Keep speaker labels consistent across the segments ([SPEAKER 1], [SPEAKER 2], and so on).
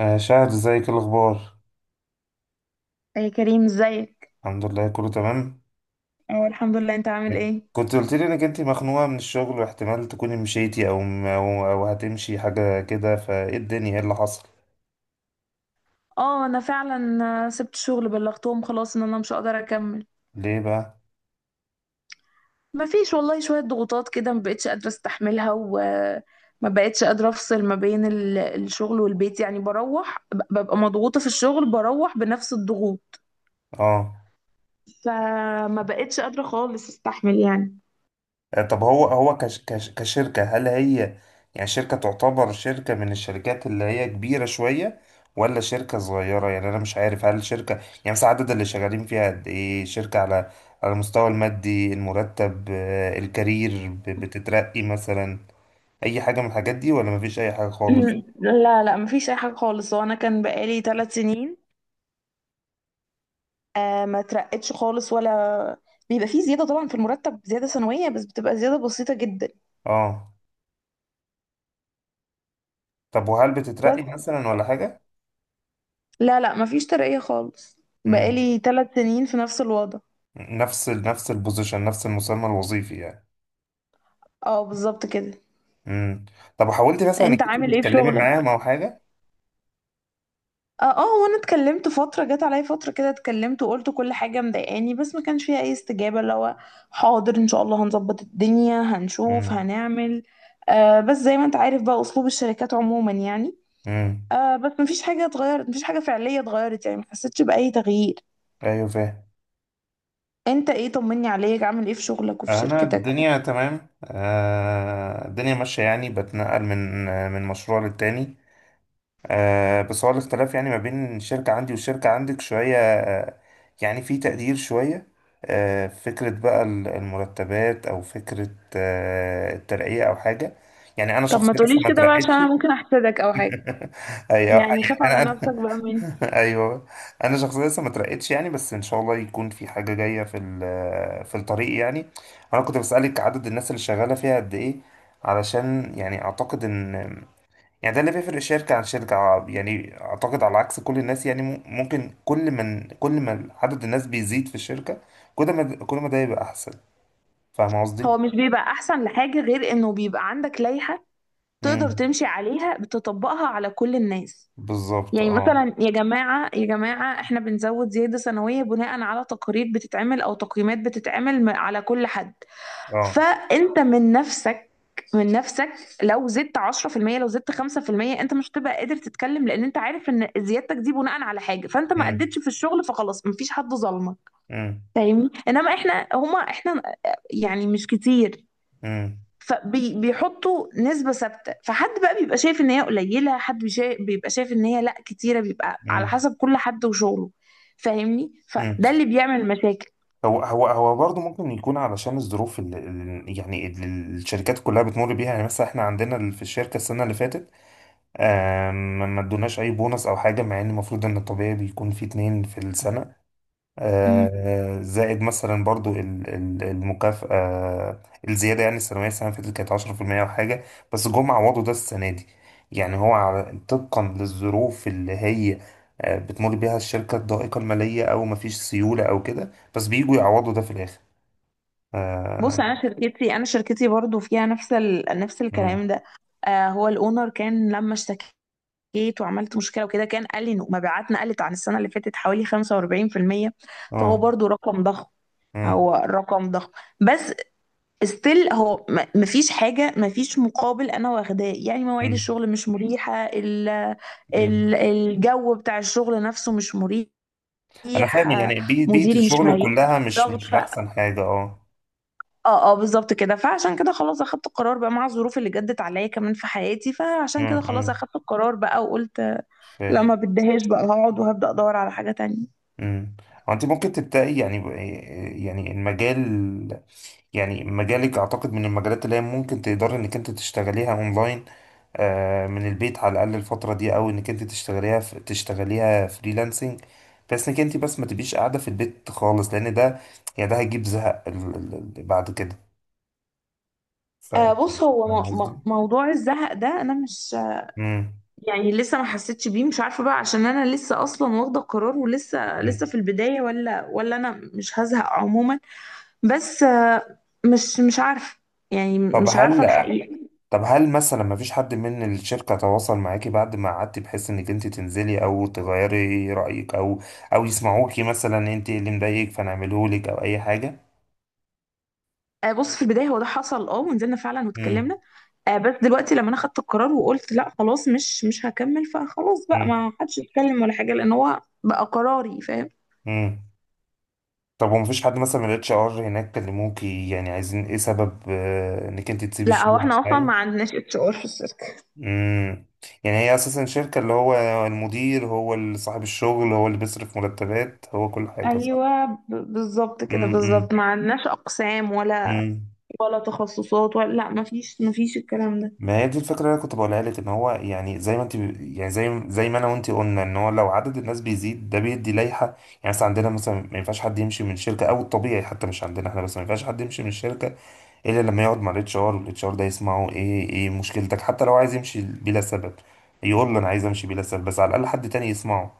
[SPEAKER 1] آه، شاهد ازيك، إيه الاخبار؟
[SPEAKER 2] يا كريم، ازيك؟
[SPEAKER 1] الحمد لله، كله تمام.
[SPEAKER 2] اه، الحمد لله. انت عامل ايه؟
[SPEAKER 1] كنت قلت لي انك انت مخنوقه من الشغل واحتمال تكوني مشيتي أو هتمشي حاجه كده، فايه الدنيا، ايه اللي حصل؟
[SPEAKER 2] اه، انا فعلا سبت شغل، بلغتهم خلاص ان انا مش هقدر اكمل.
[SPEAKER 1] ليه بقى؟
[SPEAKER 2] ما فيش والله، شوية ضغوطات كده ما بقتش قادرة استحملها، وما بقتش قادرة افصل ما بين الشغل والبيت. يعني بروح، ببقى مضغوطة في الشغل، بروح بنفس الضغوط.
[SPEAKER 1] اه.
[SPEAKER 2] فما بقتش قادرة خالص استحمل يعني.
[SPEAKER 1] طب هو هو كش كش كشركه، هل هي يعني شركه، تعتبر شركه من الشركات اللي هي كبيره شويه، ولا شركه صغيره؟ يعني انا مش عارف، هل شركه يعني مثلا عدد اللي شغالين فيها قد ايه، شركه على المستوى المادي، المرتب، الكارير بتترقي مثلا، اي حاجه من الحاجات دي ولا مفيش اي حاجه خالص؟
[SPEAKER 2] لا لا، ما فيش اي حاجة خالص، وانا كان بقالي 3 سنين. آه، ما ترقتش خالص ولا. بيبقى فيه زيادة طبعا في المرتب، زيادة سنوية بس بتبقى زيادة بسيطة جدا.
[SPEAKER 1] اه. طب وهل
[SPEAKER 2] بس
[SPEAKER 1] بتترقي مثلا ولا حاجه؟
[SPEAKER 2] لا لا، ما فيش ترقية خالص.
[SPEAKER 1] امم.
[SPEAKER 2] بقالي 3 سنين في نفس الوضع.
[SPEAKER 1] نفس البوزيشن، نفس المسمى الوظيفي يعني.
[SPEAKER 2] اه، بالظبط كده.
[SPEAKER 1] امم. طب وحاولتي مثلا انك
[SPEAKER 2] انت
[SPEAKER 1] انت
[SPEAKER 2] عامل ايه في
[SPEAKER 1] تتكلمي
[SPEAKER 2] شغلك؟
[SPEAKER 1] معاهم او حاجه؟
[SPEAKER 2] اه اه، وانا اتكلمت. فترة جت عليا فترة كده، اتكلمت وقلت كل حاجة مضايقاني، بس ما كانش فيها اي استجابة، اللي هو حاضر ان شاء الله هنظبط الدنيا، هنشوف،
[SPEAKER 1] امم.
[SPEAKER 2] هنعمل. آه، بس زي ما انت عارف بقى اسلوب الشركات عموما يعني.
[SPEAKER 1] امم.
[SPEAKER 2] آه، بس مفيش حاجة اتغيرت، مفيش حاجة فعلية اتغيرت يعني، محسيتش بأي تغيير.
[SPEAKER 1] ايوه، فاهم.
[SPEAKER 2] انت ايه؟ طمني عليك، عامل ايه في شغلك وفي
[SPEAKER 1] انا
[SPEAKER 2] شركتك؟
[SPEAKER 1] الدنيا تمام، الدنيا ماشيه يعني، بتنقل من مشروع للتاني. بس هو الاختلاف يعني ما بين الشركة عندي والشركة عندك شوية، يعني في تقدير شوية، فكرة بقى المرتبات، أو فكرة الترقية أو حاجة. يعني أنا
[SPEAKER 2] طب ما
[SPEAKER 1] شخصيا لسه
[SPEAKER 2] تقوليش
[SPEAKER 1] ما
[SPEAKER 2] كده بقى عشان
[SPEAKER 1] اترقيتش.
[SPEAKER 2] انا ممكن احسدك او حاجة.
[SPEAKER 1] أيوه يعني.
[SPEAKER 2] يعني خاف
[SPEAKER 1] أنا
[SPEAKER 2] على نفسك
[SPEAKER 1] أنا
[SPEAKER 2] بقى مني.
[SPEAKER 1] أيوه. أنا شخصيا لسه ما اترقيتش يعني، بس إن شاء الله يكون في حاجة جاية في الطريق يعني. أنا كنت بسألك عدد الناس اللي شغالة فيها قد إيه، علشان يعني أعتقد إن يعني ده اللي بيفرق شركة عن شركة، يعني أعتقد على عكس كل الناس، يعني ممكن، كل ما عدد الناس بيزيد في الشركة، كل ما ده يبقى أحسن. فاهم قصدي؟
[SPEAKER 2] هو مش بيبقى احسن لحاجة غير انه بيبقى عندك لائحة تقدر
[SPEAKER 1] امم.
[SPEAKER 2] تمشي عليها، بتطبقها على كل الناس.
[SPEAKER 1] بالظبط،
[SPEAKER 2] يعني
[SPEAKER 1] اه.
[SPEAKER 2] مثلا يا جماعة يا جماعة، احنا بنزود زيادة سنوية بناء على تقارير بتتعمل، او تقييمات بتتعمل على كل حد.
[SPEAKER 1] اه.
[SPEAKER 2] فانت من نفسك من نفسك، لو زدت 10%، لو زدت 5%، انت مش هتبقى قادر تتكلم، لان انت عارف ان زيادتك دي بناء على حاجه، فانت ما
[SPEAKER 1] امم.
[SPEAKER 2] اديتش في الشغل، فخلاص مفيش حد ظلمك.
[SPEAKER 1] امم.
[SPEAKER 2] فاهمني؟ انما احنا هما احنا، يعني مش كتير.
[SPEAKER 1] امم.
[SPEAKER 2] فبيحطوا نسبه ثابته، فحد بقى بيبقى شايف ان هي قليله، حد بيبقى شايف ان هي لا كتيره. بيبقى على
[SPEAKER 1] امم.
[SPEAKER 2] حسب كل حد وشغله، فاهمني؟
[SPEAKER 1] امم.
[SPEAKER 2] فده اللي بيعمل مشاكل.
[SPEAKER 1] هو برضه ممكن يكون علشان الظروف يعني اللي الشركات كلها بتمر بيها، يعني مثلا احنا عندنا في الشركة السنة اللي فاتت، ما ادوناش أي بونص أو حاجة، مع إن المفروض إن الطبيعي بيكون في 2 في السنة، زائد مثلا برضو المكافأة، الزيادة يعني السنوية، السنة اللي فاتت كانت 10% وحاجة، بس جم عوضوا ده السنة دي. يعني هو طبقا للظروف اللي هي بتمر بيها الشركة، الضائقة المالية أو مفيش سيولة أو كده، بس بيجوا يعوضوا ده في الآخر.
[SPEAKER 2] بص،
[SPEAKER 1] آه.
[SPEAKER 2] انا شركتي برضو فيها نفس
[SPEAKER 1] مم.
[SPEAKER 2] الكلام ده. آه، هو الاونر كان لما اشتكيت وعملت مشكله وكده، كان قال لي انه مبيعاتنا قلت عن السنه اللي فاتت حوالي 45%. فهو
[SPEAKER 1] آه.
[SPEAKER 2] برضو رقم ضخم،
[SPEAKER 1] مم.
[SPEAKER 2] هو رقم ضخم. بس ستيل هو، مفيش حاجه، مفيش مقابل انا واخداه. يعني مواعيد
[SPEAKER 1] مم.
[SPEAKER 2] الشغل مش مريحه،
[SPEAKER 1] مم.
[SPEAKER 2] الجو بتاع الشغل نفسه مش مريح.
[SPEAKER 1] أنا فاهم
[SPEAKER 2] آه،
[SPEAKER 1] يعني، بيئة
[SPEAKER 2] مديري مش
[SPEAKER 1] الشغل
[SPEAKER 2] مريح،
[SPEAKER 1] كلها
[SPEAKER 2] ضغط.
[SPEAKER 1] مش أحسن حاجة، أه.
[SPEAKER 2] اه اه، بالظبط كده. فعشان كده خلاص اخدت القرار بقى، مع الظروف اللي جدت عليا كمان في حياتي. فعشان
[SPEAKER 1] مم.
[SPEAKER 2] كده خلاص
[SPEAKER 1] مم.
[SPEAKER 2] اخدت القرار بقى وقلت لا،
[SPEAKER 1] فاهم.
[SPEAKER 2] ما بديهاش بقى، هقعد وهبدأ ادور على حاجة تانية.
[SPEAKER 1] امم. انت ممكن تبداي يعني، يعني المجال، يعني مجالك اعتقد من المجالات اللي هي ممكن تقدري انك انت تشتغليها اونلاين، من البيت على الاقل الفتره دي، او انك انت تشتغليها تشتغليها فريلانسنج، بس انك انت بس ما تبقيش قاعده في البيت خالص، لان ده يعني ده هيجيب زهق بعد كده، ف.
[SPEAKER 2] آه، بص، هو
[SPEAKER 1] فاهم
[SPEAKER 2] م م
[SPEAKER 1] قصدي.
[SPEAKER 2] موضوع الزهق ده انا مش،
[SPEAKER 1] امم.
[SPEAKER 2] يعني لسه ما حسيتش بيه. مش عارفة بقى، عشان انا لسه اصلا واخدة القرار، ولسه
[SPEAKER 1] أمم.
[SPEAKER 2] لسه في البداية، ولا انا مش هزهق عموما. بس آه، مش عارفة، يعني
[SPEAKER 1] طب
[SPEAKER 2] مش عارفة
[SPEAKER 1] هل
[SPEAKER 2] الحقيقة.
[SPEAKER 1] طب هل مثلا ما فيش حد من الشركة تواصل معاكي بعد ما قعدتي، بحيث انك انت تنزلي او تغيري رأيك، او او يسمعوكي مثلا انت إيه اللي مضايقك فنعمله لك او اي حاجة؟
[SPEAKER 2] آه، بص، في البداية هو ده حصل، ونزلنا فعلا
[SPEAKER 1] امم.
[SPEAKER 2] واتكلمنا. آه، بس دلوقتي لما انا خدت القرار وقلت لا خلاص، مش هكمل، فخلاص بقى
[SPEAKER 1] امم.
[SPEAKER 2] ما حدش يتكلم ولا حاجه، لان هو بقى قراري، فاهم؟
[SPEAKER 1] امم. طب وما فيش حد مثلا من الاتش ار هناك كلموكي، يعني عايزين ايه سبب انك انت تسيبي
[SPEAKER 2] لا، هو
[SPEAKER 1] الشغل
[SPEAKER 2] احنا اصلا ما
[SPEAKER 1] معايا؟
[SPEAKER 2] عندناش اتش ار في الشركه.
[SPEAKER 1] امم. يعني هي اساسا شركة، اللي هو المدير هو اللي صاحب الشغل، هو اللي بيصرف مرتبات، هو كل حاجة، صح؟
[SPEAKER 2] ايوه، بالظبط كده،
[SPEAKER 1] امم.
[SPEAKER 2] بالظبط ما عندناش اقسام ولا
[SPEAKER 1] امم.
[SPEAKER 2] ولا تخصصات ولا، لا، ما فيش، ما فيش الكلام ده.
[SPEAKER 1] ما هي دي الفكرة اللي أنا كنت بقولها لك، إن هو يعني زي ما أنت، يعني زي ما أنا وأنت قلنا، إن هو لو عدد الناس بيزيد، ده بيدي لائحة يعني. مثلا عندنا، مثلا ما ينفعش حد يمشي من شركة، أو الطبيعي حتى مش عندنا إحنا بس، ما ينفعش حد يمشي من الشركة إلا لما يقعد مع الاتش ار، والاتش ار ده يسمعه إيه إيه مشكلتك، حتى لو عايز يمشي بلا سبب يقول له أنا عايز أمشي بلا سبب، بس على الأقل حد تاني يسمعه،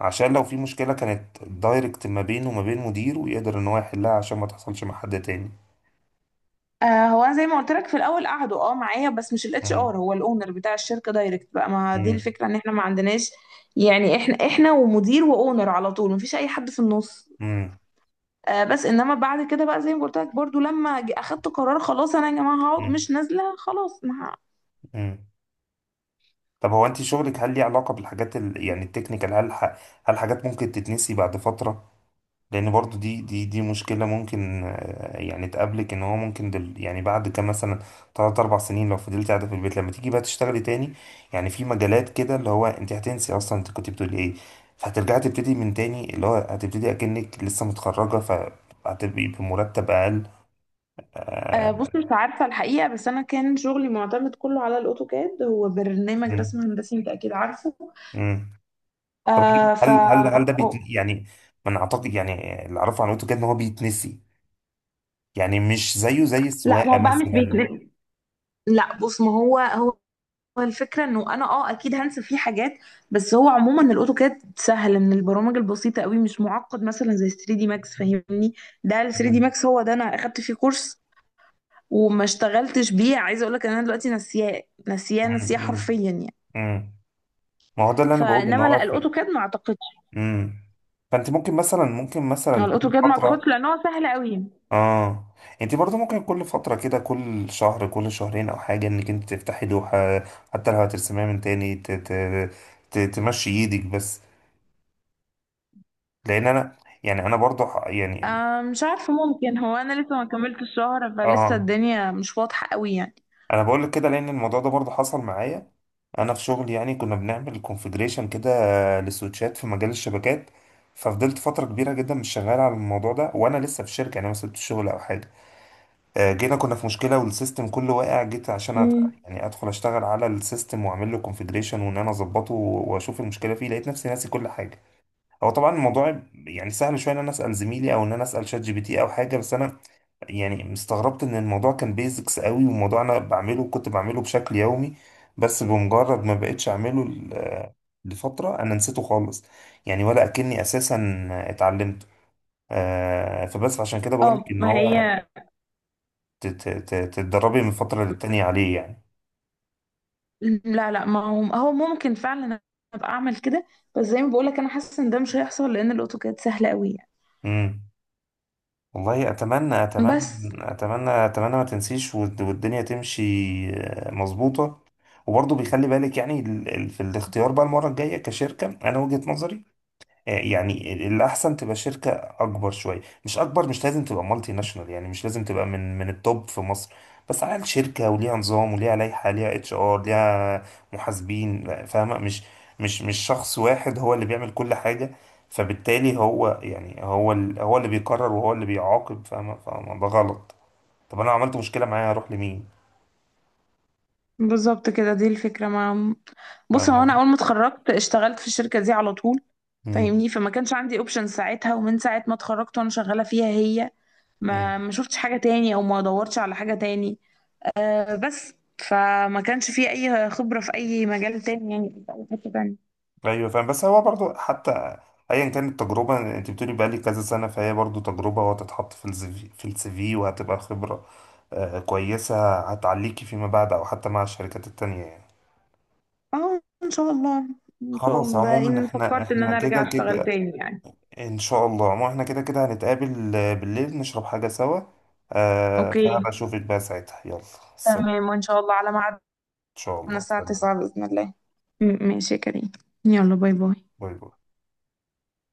[SPEAKER 1] عشان لو في مشكلة كانت دايركت ما بينه وما بين مديره، ويقدر إن هو يحلها عشان ما تحصلش مع حد تاني.
[SPEAKER 2] آه، هو أنا زي ما قلت لك في الاول قعدوا، معايا، بس مش الاتش
[SPEAKER 1] مم.
[SPEAKER 2] ار، هو الاونر بتاع الشركه دايركت. بقى ما دي
[SPEAKER 1] مم.
[SPEAKER 2] الفكره، ان احنا ما عندناش يعني، احنا ومدير واونر على طول، ما فيش اي حد في النص.
[SPEAKER 1] مم.
[SPEAKER 2] آه، بس انما بعد كده بقى زي ما قلت لك برضو، لما اخدت قرار خلاص انا، يا جماعه هقعد،
[SPEAKER 1] مم.
[SPEAKER 2] مش نازله خلاص، ما ه-
[SPEAKER 1] مم. طب هو، انت شغلك هل ليه علاقة بالحاجات، يعني التكنيكال، هل هل حاجات ممكن تتنسي بعد فترة؟ لان برضو دي مشكلة ممكن يعني تقابلك، ان هو ممكن، يعني بعد كام مثلا تلات اربع سنين لو فضلت قاعدة في البيت، لما تيجي بقى تشتغلي تاني، يعني في مجالات كده اللي هو انت هتنسي اصلا انت كنت بتقولي ايه، فهترجعي تبتدي من تاني، اللي هو هتبتدي اكنك لسه متخرجة، فهتبقي بمرتب اقل،
[SPEAKER 2] آه، بص،
[SPEAKER 1] آه،
[SPEAKER 2] مش عارفه الحقيقه، بس انا كان شغلي معتمد كله على الاوتوكاد، هو برنامج
[SPEAKER 1] مم.
[SPEAKER 2] رسم هندسي انت اكيد عارفه.
[SPEAKER 1] مم. طب
[SPEAKER 2] آه،
[SPEAKER 1] هل هل هل ده
[SPEAKER 2] هو-
[SPEAKER 1] بيت يعني، من اعتقد يعني اللي اعرفه عن الاوتوكاد ان هو بيتنسي، يعني مش زيه زي
[SPEAKER 2] لا، ما
[SPEAKER 1] السواقه
[SPEAKER 2] هو بقى مش
[SPEAKER 1] مثلا.
[SPEAKER 2] بيتنقل. لا، بص، ما هو، هو الفكره انه انا، اكيد هنسى فيه حاجات. بس هو عموما الاوتوكاد سهل، من البرامج البسيطه قوي، مش معقد مثلا زي 3 دي ماكس، فاهمني؟ ده ال 3 دي
[SPEAKER 1] مم.
[SPEAKER 2] ماكس هو، ده انا اخدت فيه كورس وما اشتغلتش بيه. عايزه اقول لك ان انا دلوقتي نسياه نسياه
[SPEAKER 1] مم.
[SPEAKER 2] نسياه
[SPEAKER 1] مم.
[SPEAKER 2] حرفيا يعني.
[SPEAKER 1] مم. ما هو ده اللي انا بقوله، ان
[SPEAKER 2] فانما
[SPEAKER 1] هو
[SPEAKER 2] لا،
[SPEAKER 1] في.
[SPEAKER 2] الاوتوكاد ما اعتقدش.
[SPEAKER 1] مم. فانت ممكن مثلا،
[SPEAKER 2] هو
[SPEAKER 1] كل
[SPEAKER 2] الاوتوكاد ما اعتقدش،
[SPEAKER 1] فتره.
[SPEAKER 2] لان هو سهل قوي.
[SPEAKER 1] اه. انت برضو ممكن كل فتره كده، كل شهر، كل شهرين او حاجه، انك انت تفتحي لوحه، حتى لو هترسميها من تاني، تمشي ايدك بس، لان انا يعني، انا برضو يعني.
[SPEAKER 2] آه، مش عارفه، ممكن، هو انا لسه ما كملتش الشهر، فلسه
[SPEAKER 1] اه.
[SPEAKER 2] الدنيا مش واضحه قوي يعني.
[SPEAKER 1] انا بقول لك كده، لان الموضوع ده برضه حصل معايا، انا في شغل يعني كنا بنعمل كونفجريشن كده للسويتشات في مجال الشبكات، ففضلت فتره كبيره جدا مش شغال على الموضوع ده، وانا لسه في الشركه يعني، ما سبتش الشغل او حاجه، جينا كنا في مشكله، والسيستم كله واقع، جيت عشان
[SPEAKER 2] امم
[SPEAKER 1] يعني ادخل اشتغل على السيستم، واعمل له كونفجريشن، وان انا اظبطه، واشوف المشكله فيه، لقيت نفسي ناسي كل حاجه. هو طبعا الموضوع يعني سهل شويه، ان انا اسال زميلي، او ان انا اسال شات GPT او حاجه، بس انا يعني استغربت ان الموضوع كان بيزكس قوي، وموضوع انا بعمله، كنت بعمله بشكل يومي، بس بمجرد ما بقتش اعمله لفترة، انا نسيته خالص، يعني ولا اكني اساسا اتعلمته. فبس عشان كده بقول لك
[SPEAKER 2] اه.
[SPEAKER 1] ان
[SPEAKER 2] ما
[SPEAKER 1] هو
[SPEAKER 2] هي،
[SPEAKER 1] تتدربي من فترة للتانية عليه يعني.
[SPEAKER 2] لا لا، ما هو هو ممكن فعلا ابقى اعمل كده. بس زي ما بقول لك انا حاسه ان ده مش هيحصل، لان الاوتوكاد سهل قوي يعني.
[SPEAKER 1] امم. والله اتمنى اتمنى،
[SPEAKER 2] بس
[SPEAKER 1] اتمنى اتمنى ما تنسيش، والدنيا تمشي، مظبوطة. وبرضه بيخلي بالك يعني في الاختيار بقى المرة الجاية، كشركة انا وجهة نظري، يعني الأحسن تبقى شركة أكبر شوية، مش أكبر، مش لازم تبقى مالتي ناشونال، يعني مش لازم تبقى من التوب في مصر، بس على الأقل شركة وليها نظام، وليها لائحة، ليها اتش ار، ليها محاسبين، لا، فاهمة؟ مش شخص واحد هو اللي بيعمل كل حاجة، فبالتالي هو يعني، هو هو اللي بيقرر وهو اللي بيعاقب، فاهمة، فاهمة ده غلط. طب أنا لو عملت مشكلة معايا هروح لمين؟
[SPEAKER 2] بالظبط كده دي الفكره. ما بص،
[SPEAKER 1] فاهمة
[SPEAKER 2] هو انا
[SPEAKER 1] قصدي؟
[SPEAKER 2] اول ما اتخرجت اشتغلت في الشركه دي على طول. فاهمني؟ فما كانش عندي اوبشن ساعتها، ومن ساعة ما اتخرجت وانا شغالة فيها هي،
[SPEAKER 1] مم.
[SPEAKER 2] ما شفتش حاجة تاني، او ما دورتش على حاجة تاني. آه، بس فما كانش في اي خبرة في اي مجال تاني يعني، في اي حتة تانية.
[SPEAKER 1] ايوه فاهم، بس هو برضو حتى ايا كانت التجربه، انت بتقولي بقى لي كذا سنه، فهي برضو تجربه، وهتتحط في الزي في السي في، وهتبقى خبره كويسه، هتعليكي فيما بعد، او حتى مع الشركات التانية يعني.
[SPEAKER 2] اه، ان شاء الله. ان شاء
[SPEAKER 1] خلاص
[SPEAKER 2] الله ده
[SPEAKER 1] عموما
[SPEAKER 2] ان
[SPEAKER 1] احنا،
[SPEAKER 2] فكرت ان انا ارجع
[SPEAKER 1] كده
[SPEAKER 2] اشتغل
[SPEAKER 1] كده،
[SPEAKER 2] تاني يعني.
[SPEAKER 1] ان شاء الله. عموما احنا كده كده هنتقابل، بالليل نشرب حاجه سوا،
[SPEAKER 2] اوكي،
[SPEAKER 1] فهبقى اشوفك بقى ساعتها، يلا سلام.
[SPEAKER 2] تمام، وان شاء الله على ميعادنا
[SPEAKER 1] ان شاء الله،
[SPEAKER 2] الساعة
[SPEAKER 1] سلام.
[SPEAKER 2] 9 بإذن الله. ماشي يا كريم. يلا، باي باي.
[SPEAKER 1] باي باي.